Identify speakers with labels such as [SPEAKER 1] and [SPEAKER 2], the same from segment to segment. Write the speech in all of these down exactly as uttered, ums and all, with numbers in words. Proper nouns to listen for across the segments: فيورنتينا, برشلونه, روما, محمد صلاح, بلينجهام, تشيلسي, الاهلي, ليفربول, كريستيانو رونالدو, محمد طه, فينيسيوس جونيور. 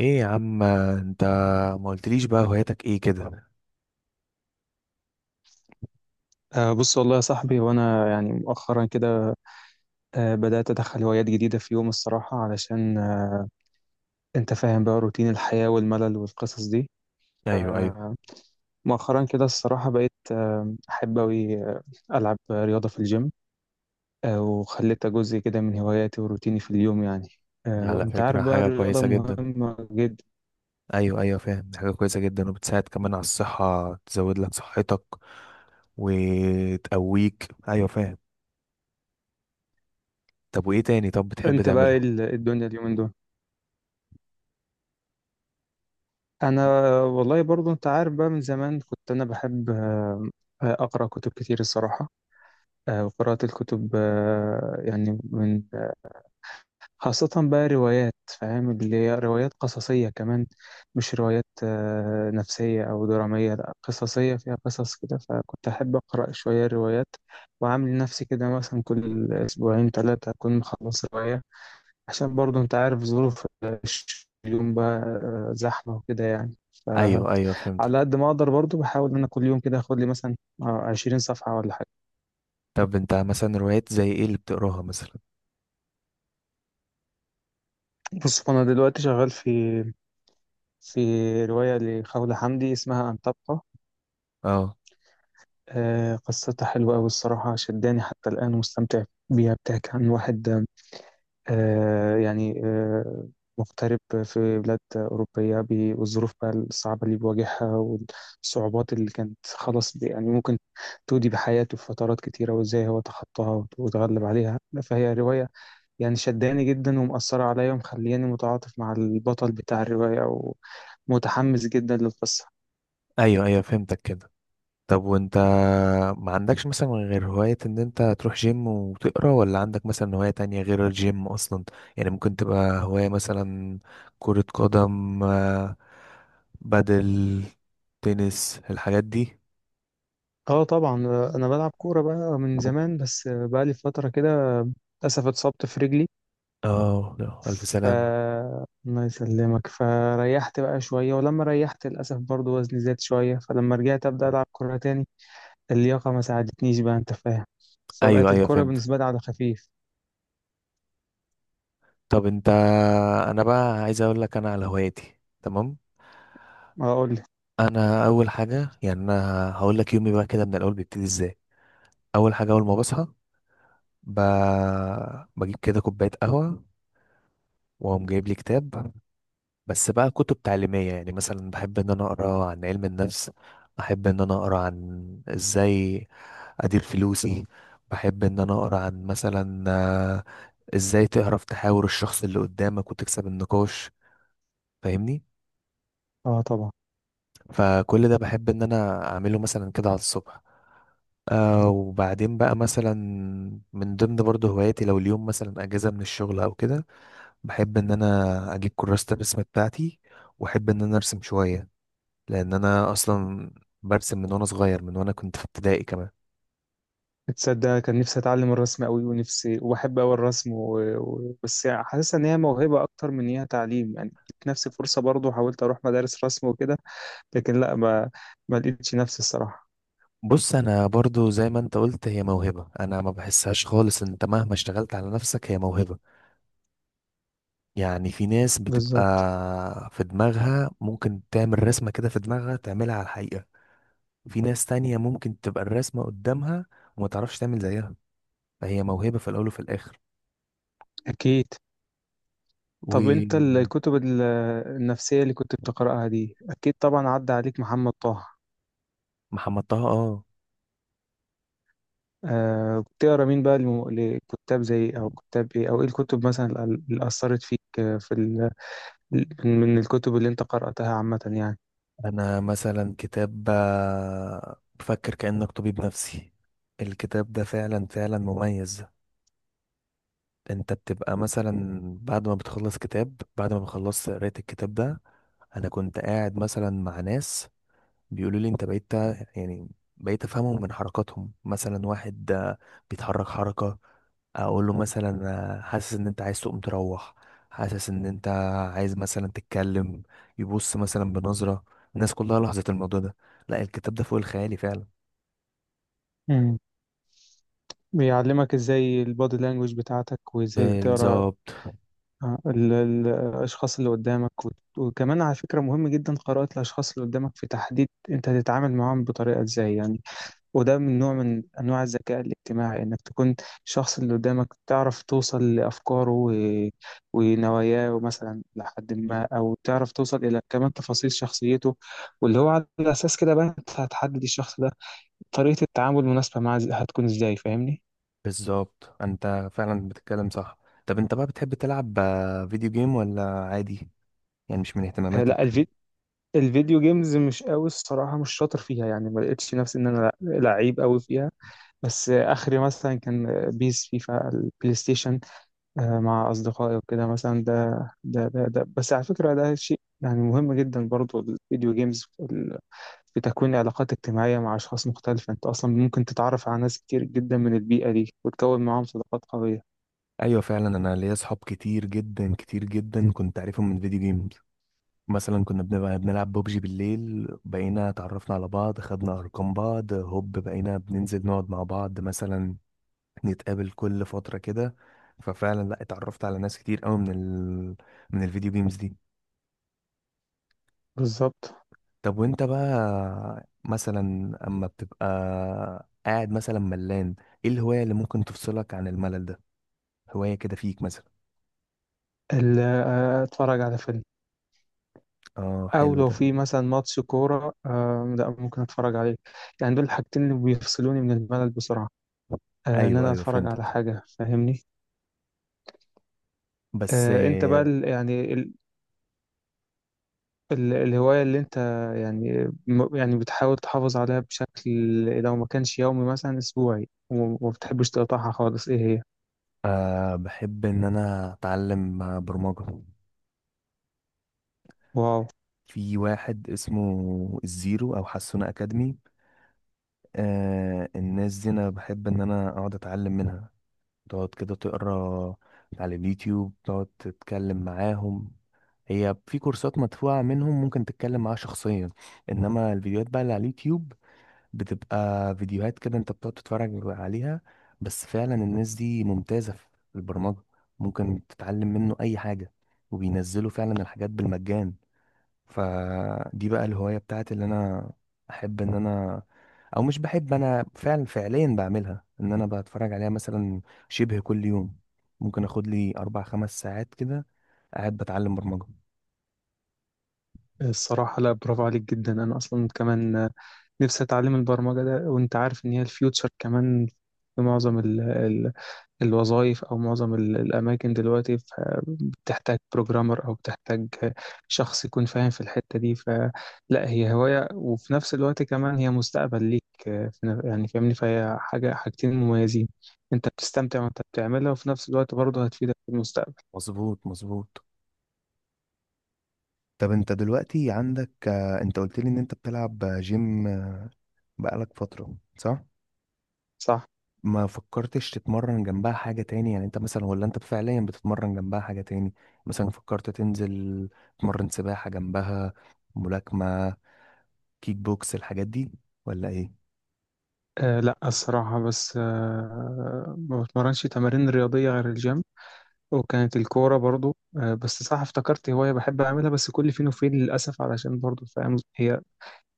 [SPEAKER 1] ايه يا عم انت؟ ما قلتليش بقى هواياتك ايه كده؟
[SPEAKER 2] آه، بص والله يا صاحبي وانا يعني مؤخرا كده، آه، بدات ادخل هوايات جديده في يوم الصراحه علشان آه، انت فاهم بقى روتين الحياه والملل والقصص دي.
[SPEAKER 1] ايوه، ايوه.
[SPEAKER 2] آه، مؤخرا كده الصراحه بقيت آه، احب اوي آه، العب رياضه في الجيم، آه، وخليتها جزء كده من هواياتي وروتيني في اليوم يعني.
[SPEAKER 1] دي
[SPEAKER 2] آه،
[SPEAKER 1] على
[SPEAKER 2] وانت عارف
[SPEAKER 1] فكرة
[SPEAKER 2] بقى
[SPEAKER 1] حاجة
[SPEAKER 2] الرياضه
[SPEAKER 1] كويسة جدا.
[SPEAKER 2] مهمه جدا.
[SPEAKER 1] ايوه ايوه فاهم، دي حاجة كويسة جدا وبتساعد كمان على الصحة، تزود لك صحتك وتقويك. ايوه فاهم. طب وايه تاني طب بتحب
[SPEAKER 2] انت بقى إيه
[SPEAKER 1] تعمله؟
[SPEAKER 2] ال- إيه الدنيا اليومين دول؟ انا والله برضو انت عارف بقى من زمان كنت انا بحب آه، آه، اقرا كتب كتير الصراحه. آه، وقراءة الكتب آه، يعني من، خاصة بقى روايات، فاهم اللي هي روايات قصصية كمان. مش روايات آه، نفسية أو درامية، لا قصصية فيها قصص كده، فكنت أحب أقرأ شوية روايات وعامل نفسي كده مثلا كل أسبوعين ثلاثة أكون مخلص رواية. عشان برضه أنت عارف ظروف اليوم بقى آه، زحمة وكده يعني،
[SPEAKER 1] ايوه
[SPEAKER 2] فعلى
[SPEAKER 1] ايوه فهمتك.
[SPEAKER 2] قد ما أقدر برضه بحاول إن أنا كل يوم كده أخد لي مثلا آه، عشرين صفحة ولا حاجة.
[SPEAKER 1] طب انت مثلا روايات زي ايه اللي بتقراها مثلا؟
[SPEAKER 2] بص أنا دلوقتي شغال في في رواية لخولة حمدي اسمها أن تبقى.
[SPEAKER 1] اه.
[SPEAKER 2] آه، قصتها حلوة أوي الصراحة، شداني حتى الآن ومستمتع بيها. بتحكي عن واحد آه، يعني آه، مغترب في بلاد أوروبية بي- والظروف بقى الصعبة اللي بيواجهها، والصعوبات اللي كانت خلاص بي- يعني ممكن تودي بحياته في فترات كتيرة، وإزاي هو تخطاها وت- وتغلب عليها. فهي رواية يعني شداني جدا ومأثرة عليا ومخلياني متعاطف مع البطل بتاع الرواية ومتحمس جدا للقصة.
[SPEAKER 1] ايوه ايوه فهمتك كده. طب وانت ما عندكش مثلا غير هواية ان انت تروح جيم وتقرا؟ ولا عندك مثلا هواية تانية غير الجيم اصلا؟ يعني ممكن تبقى هواية مثلا كرة قدم، آه، بدل تنس، الحاجات دي.
[SPEAKER 2] اه طبعا، آه، انا بلعب كوره بقى من زمان، بس آه، بقى لي فتره كده للاسف اتصبت في رجلي.
[SPEAKER 1] اه لا، الف
[SPEAKER 2] ف
[SPEAKER 1] سلامة.
[SPEAKER 2] الله يسلمك، فريحت بقى شويه، ولما ريحت للاسف برضو وزني زاد شويه، فلما رجعت ابدا العب كوره تاني، اللياقه ما ساعدتنيش بقى، انت فاهم.
[SPEAKER 1] ايوه
[SPEAKER 2] فبقت
[SPEAKER 1] ايوه
[SPEAKER 2] الكوره
[SPEAKER 1] فهمت.
[SPEAKER 2] بالنسبه لي على خفيف.
[SPEAKER 1] طب انت، انا بقى عايز اقول لك انا على هواياتي تمام.
[SPEAKER 2] اقول لك
[SPEAKER 1] انا اول حاجه، يعني انا هقول لك يومي بقى كده من الاول بيبتدي ازاي. اول حاجه اول ما بصحى ب... بجيب كده كوبايه قهوه، وقام جايب لي كتاب. بس بقى كتب تعليمية، يعني مثلا بحب ان انا اقرا عن علم النفس، بحب ان انا اقرا عن ازاي ادير فلوسي، بحب ان انا اقرا عن مثلا آه، ازاي تعرف تحاور الشخص اللي قدامك وتكسب النقاش. فاهمني؟
[SPEAKER 2] اه طبعا.
[SPEAKER 1] فكل ده بحب ان انا اعمله مثلا كده على الصبح. آه وبعدين بقى مثلا من ضمن برضه هواياتي، لو اليوم مثلا اجازة من الشغل او كده، بحب ان انا اجيب كراسة الرسم بتاعتي واحب ان انا ارسم شوية، لان انا اصلا برسم من وانا صغير، من وانا كنت في ابتدائي كمان.
[SPEAKER 2] تصدق كان نفسي اتعلم الرسم قوي ونفسي، وبحب قوي الرسم و... و... بس حاسس ان هي موهبه اكتر من هي تعليم. يعني اديت نفسي فرصه برضو، حاولت اروح مدارس رسم وكده، لكن لا، ما ما لقيتش نفسي الصراحة.
[SPEAKER 1] بص انا برضو زي ما انت قلت، هي موهبة، انا ما بحسهاش خالص. انت مهما اشتغلت على نفسك، هي موهبة. يعني في ناس بتبقى
[SPEAKER 2] بالظبط.
[SPEAKER 1] في دماغها ممكن تعمل رسمة كده في دماغها تعملها على الحقيقة. في ناس تانية ممكن تبقى الرسمة قدامها وما تعرفش تعمل زيها. فهي موهبة في الاول وفي الاخر.
[SPEAKER 2] أكيد. طب أنت
[SPEAKER 1] ومحمد
[SPEAKER 2] الكتب ال- النفسية اللي كنت بتقرأها دي أكيد طبعا عدى عليك محمد طه.
[SPEAKER 1] طه، اه.
[SPEAKER 2] آه بتقرأ مين بقى لم- لكتاب زي، أو كتاب إيه، أو إيه الكتب مثلا ال- اللي أثرت فيك آه، في ال... من الكتب اللي أنت قرأتها عامة يعني.
[SPEAKER 1] انا مثلا كتاب آه، بفكر كأنك طبيب نفسي، الكتاب ده فعلا فعلا مميز. انت بتبقى مثلا بعد ما بتخلص كتاب، بعد ما بخلصت قراية الكتاب ده، انا كنت قاعد مثلا مع ناس بيقولوا لي انت بقيت، يعني بقيت افهمهم من حركاتهم. مثلا واحد آه، بيتحرك حركة، اقول له مثلا آه، حاسس ان انت عايز تقوم تروح، حاسس ان انت عايز مثلا تتكلم، يبص مثلا بنظرة. الناس كلها لاحظت الموضوع ده. لا، الكتاب ده فوق الخيالي فعلا.
[SPEAKER 2] مم. بيعلمك إزاي البادي لانجوج بتاعتك وإزاي تقرأ
[SPEAKER 1] بالظبط.
[SPEAKER 2] آه، ال- ال- الأشخاص اللي قدامك، وت- وكمان على فكرة مهم جدا قراءة الأشخاص اللي قدامك في تحديد أنت هتتعامل معاهم بطريقة إزاي يعني. وده من نوع من أنواع الذكاء الاجتماعي إنك تكون الشخص اللي قدامك تعرف توصل لأفكاره و- ونواياه مثلا لحد ما، أو تعرف توصل إلى كمان تفاصيل شخصيته، واللي هو على أساس كده بقى أنت هتحدد الشخص ده طريقة التعامل المناسبة معاه إز- هتكون إزاي، فاهمني؟
[SPEAKER 1] بالظبط، انت فعلا بتتكلم صح. طب انت بقى بتحب تلعب آه، فيديو جيم ولا عادي؟ يعني مش من
[SPEAKER 2] آه، لا
[SPEAKER 1] اهتماماتك؟
[SPEAKER 2] الفيديو جيمز مش قوي الصراحة، مش شاطر فيها، يعني ما لقيتش نفسي ان انا لعيب قوي فيها. بس اخري مثلا كان بيس فيفا البلاي ستيشن آه، مع اصدقائي وكده مثلا. ده ده ده, ده. بس على فكرة ده شيء يعني مهم جدا برضو، الفيديو جيمز في ال- في تكوين علاقات اجتماعية مع اشخاص مختلفة، انت اصلا ممكن تتعرف على ناس كتير جدا من البيئة دي وتكون معاهم صداقات قوية.
[SPEAKER 1] ايوه فعلا، انا ليا اصحاب كتير جدا كتير جدا كنت عارفهم من فيديو جيم. مثلا كنا بنبقى بنلعب ببجي بالليل، بقينا اتعرفنا على بعض، خدنا ارقام بعض، هوب بقينا بننزل نقعد مع بعض مثلا، نتقابل كل فترة كده. ففعلا لا، اتعرفت على ناس كتير قوي من ال... من الفيديو جيمز دي.
[SPEAKER 2] بالظبط.
[SPEAKER 1] طب وانت بقى مثلا اما بتبقى قاعد مثلا ملان، ايه الهواية اللي ممكن تفصلك عن الملل ده؟ هواية كده فيك مثلا.
[SPEAKER 2] ال- آه، اتفرج على فيلم،
[SPEAKER 1] اه
[SPEAKER 2] او
[SPEAKER 1] حلو
[SPEAKER 2] لو
[SPEAKER 1] ده.
[SPEAKER 2] في مثلا ماتش كوره آه، لا ممكن اتفرج عليه. يعني دول الحاجتين اللي بيفصلوني من الملل بسرعه، آه ان
[SPEAKER 1] ايوه
[SPEAKER 2] انا
[SPEAKER 1] ايوه
[SPEAKER 2] اتفرج على
[SPEAKER 1] فهمتك.
[SPEAKER 2] حاجه، فاهمني.
[SPEAKER 1] بس
[SPEAKER 2] آه انت بقى ال- يعني ال ال الهوايه اللي انت يعني م- يعني بتحاول تحافظ عليها بشكل، لو ما كانش يومي مثلا اسبوعي، وما وما بتحبش تقطعها خالص، ايه هي؟
[SPEAKER 1] آه بحب ان انا اتعلم برمجة.
[SPEAKER 2] واو.
[SPEAKER 1] في واحد اسمه الزيرو او حسونة اكاديمي، آه الناس دي انا بحب ان انا اقعد اتعلم منها. تقعد كده تقرا على اليوتيوب، تقعد تتكلم معاهم. هي في كورسات مدفوعة منهم ممكن تتكلم معاها شخصيا، انما الفيديوهات بقى اللي على اليوتيوب بتبقى فيديوهات كده انت بتقعد تتفرج عليها. بس فعلا الناس دي ممتازة في البرمجة، ممكن تتعلم منه اي حاجة، وبينزلوا فعلا الحاجات بالمجان. فدي بقى الهواية بتاعتي اللي انا احب ان انا، او مش بحب، انا فعلا فعليا بعملها ان انا بتفرج عليها مثلا شبه كل يوم. ممكن اخد لي اربع خمس ساعات كده قاعد بتعلم برمجة.
[SPEAKER 2] الصراحة لا برافو عليك جدا. أنا أصلا كمان آه، نفسي أتعلم البرمجة ده، وأنت عارف إن هي الفيوتشر كمان في معظم الوظائف أو معظم ال- الأماكن دلوقتي. ف- بتحتاج بروجرامر، أو بتحتاج شخص يكون فاهم في الحتة دي، فلا هي هواية وفي نفس الوقت كمان هي مستقبل ليك آه، في ن- يعني فاهمني، فهي حاجة، حاجتين مميزين. أنت بتستمتع وأنت بتعملها، وفي نفس الوقت برضه هتفيدك في المستقبل.
[SPEAKER 1] مظبوط مظبوط. طب انت دلوقتي عندك آه، انت قلت لي ان انت بتلعب جيم بقالك فترة صح؟
[SPEAKER 2] صح؟
[SPEAKER 1] ما فكرتش تتمرن جنبها حاجة تاني؟ يعني انت مثلا، ولا انت فعليا بتتمرن جنبها حاجة تاني؟ مثلا فكرت تنزل تتمرن سباحة جنبها، ملاكمة، كيك بوكس، الحاجات دي ولا ايه؟
[SPEAKER 2] أه لا الصراحة، بس أه ما بتمرنش تمارين رياضية غير الجيم، وكانت الكورة برضو أه. بس صح افتكرت هواية بحب أعملها بس كل فين وفين للأسف، علشان برضو فاهم هي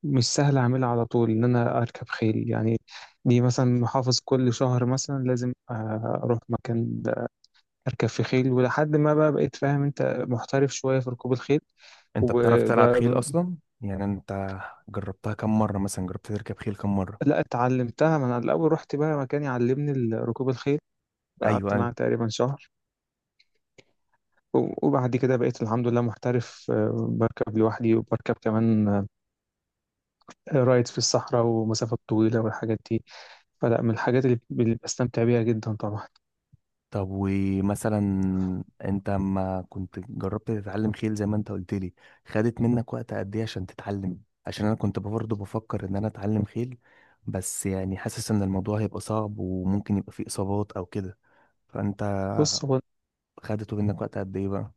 [SPEAKER 2] مش سهل أعملها على طول، إن أنا أركب خيل يعني. دي مثلا محافظ كل شهر مثلا لازم آه، أروح مكان أركب في خيل، ولحد ما بقى بقيت فاهم أنت، محترف شوية في ركوب الخيل
[SPEAKER 1] انت بتعرف تلعب
[SPEAKER 2] وبقى.
[SPEAKER 1] خيل اصلا؟ يعني انت جربتها كم مرة؟ مثلا جربت تركب خيل كم مرة؟
[SPEAKER 2] لا اتعلمتها، ما أنا الأول رحت بقى مكان يعلمني ال- ركوب الخيل،
[SPEAKER 1] ايوه
[SPEAKER 2] قعدت معاه
[SPEAKER 1] ايوه.
[SPEAKER 2] تقريبا شهر، و- وبعد كده بقيت الحمد لله محترف آه، بركب لوحدي وبركب كمان آه، رايد في الصحراء ومسافات طويلة والحاجات دي. فلا من الحاجات اللي اللي بستمتع بيها جدا طبعا.
[SPEAKER 1] طب ومثلا، انت ما كنت جربت تتعلم خيل زي ما انت قلت لي، خدت منك وقت قد ايه عشان تتعلم؟ عشان انا كنت برضه بفكر ان انا اتعلم خيل، بس يعني حاسس ان الموضوع هيبقى صعب وممكن يبقى فيه اصابات او كده. فانت
[SPEAKER 2] بص هو
[SPEAKER 1] خدته منك وقت قد ايه بقى؟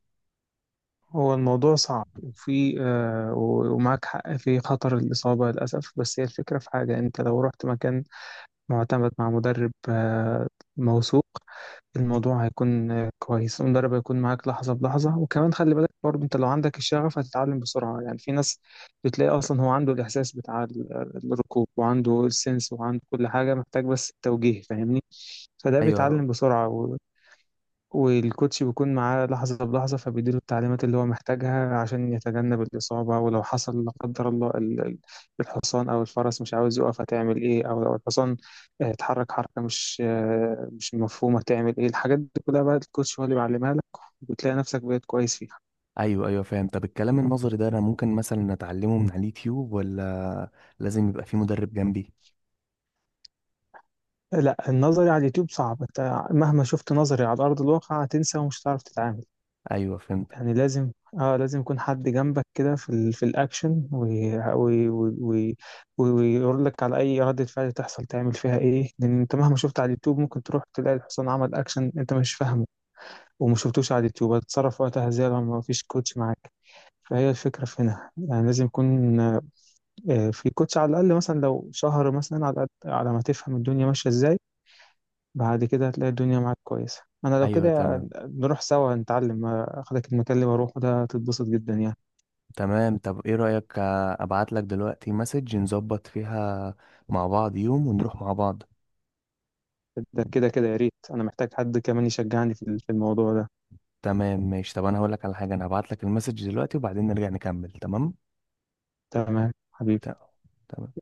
[SPEAKER 2] هو الموضوع صعب وفي آه و- ومعاك حق في خطر الإصابة للأسف، بس هي الفكرة في حاجة، أنت لو رحت مكان معتمد مع مدرب آه موثوق، الموضوع هيكون آه كويس، المدرب هيكون معاك لحظة بلحظة. وكمان خلي بالك برضه أنت لو عندك الشغف هتتعلم بسرعة، يعني في ناس بتلاقي أصلا هو عنده الإحساس بتاع ال- الركوب، وعنده السنس وعنده كل حاجة محتاج، بس التوجيه فاهمني، فده
[SPEAKER 1] ايوه.
[SPEAKER 2] بيتعلم بسرعة. والكوتش بيكون معاه لحظة بلحظة، فبيديله التعليمات اللي هو محتاجها عشان يتجنب الإصابة. ولو حصل لا قدر الله ال- ال- الحصان أو الفرس مش عاوز يقف هتعمل إيه، أو لو الحصان آه، اتحرك حركة مش آه، مش مفهومة هتعمل إيه، الحاجات دي كلها بقى الكوتش هو اللي بيعلمها لك، وبتلاقي نفسك بقيت كويس فيها.
[SPEAKER 1] ايوه ايوه فاهم. طب الكلام النظري ده انا ممكن مثلا اتعلمه من على اليوتيوب، ولا لازم يبقى في مدرب جنبي؟
[SPEAKER 2] لا النظري على اليوتيوب صعب، انت مهما شفت نظري على أرض الواقع هتنسى ومش هتعرف تتعامل.
[SPEAKER 1] ايوه فهمت.
[SPEAKER 2] يعني لازم اه لازم يكون حد جنبك كده في ال... في الاكشن، ويقول وي... وي... وي... ويقول لك على اي ردة فعل تحصل تعمل فيها ايه. لان انت مهما شفت على اليوتيوب ممكن تروح تلاقي الحصان عمل اكشن انت مش فاهمه وما شفتوش على اليوتيوب، هتتصرف وقتها ازاي لو ما فيش كوتش معاك؟ فهي الفكرة في هنا، يعني لازم يكون آه، في كوتش على الأقل مثلا لو شهر مثلا على الأقل، على ما تفهم الدنيا ماشية ازاي. بعد كده هتلاقي الدنيا معاك كويسة. أنا لو
[SPEAKER 1] ايوه
[SPEAKER 2] كده
[SPEAKER 1] تمام.
[SPEAKER 2] نروح سوا نتعلم آه، أخدك المكان اللي بروحه ده هتتبسط جدا يعني.
[SPEAKER 1] تمام، طب ايه رأيك ابعت لك دلوقتي مسج نظبط فيها مع بعض يوم ونروح مع بعض؟
[SPEAKER 2] ده كده كده يا ريت، انا محتاج حد كمان يشجعني في في الموضوع ده.
[SPEAKER 1] تمام ماشي، طب انا هقول لك على حاجة، انا هبعت لك المسج دلوقتي وبعدين نرجع نكمل، تمام؟
[SPEAKER 2] تمام حبيبي.
[SPEAKER 1] ت- تمام.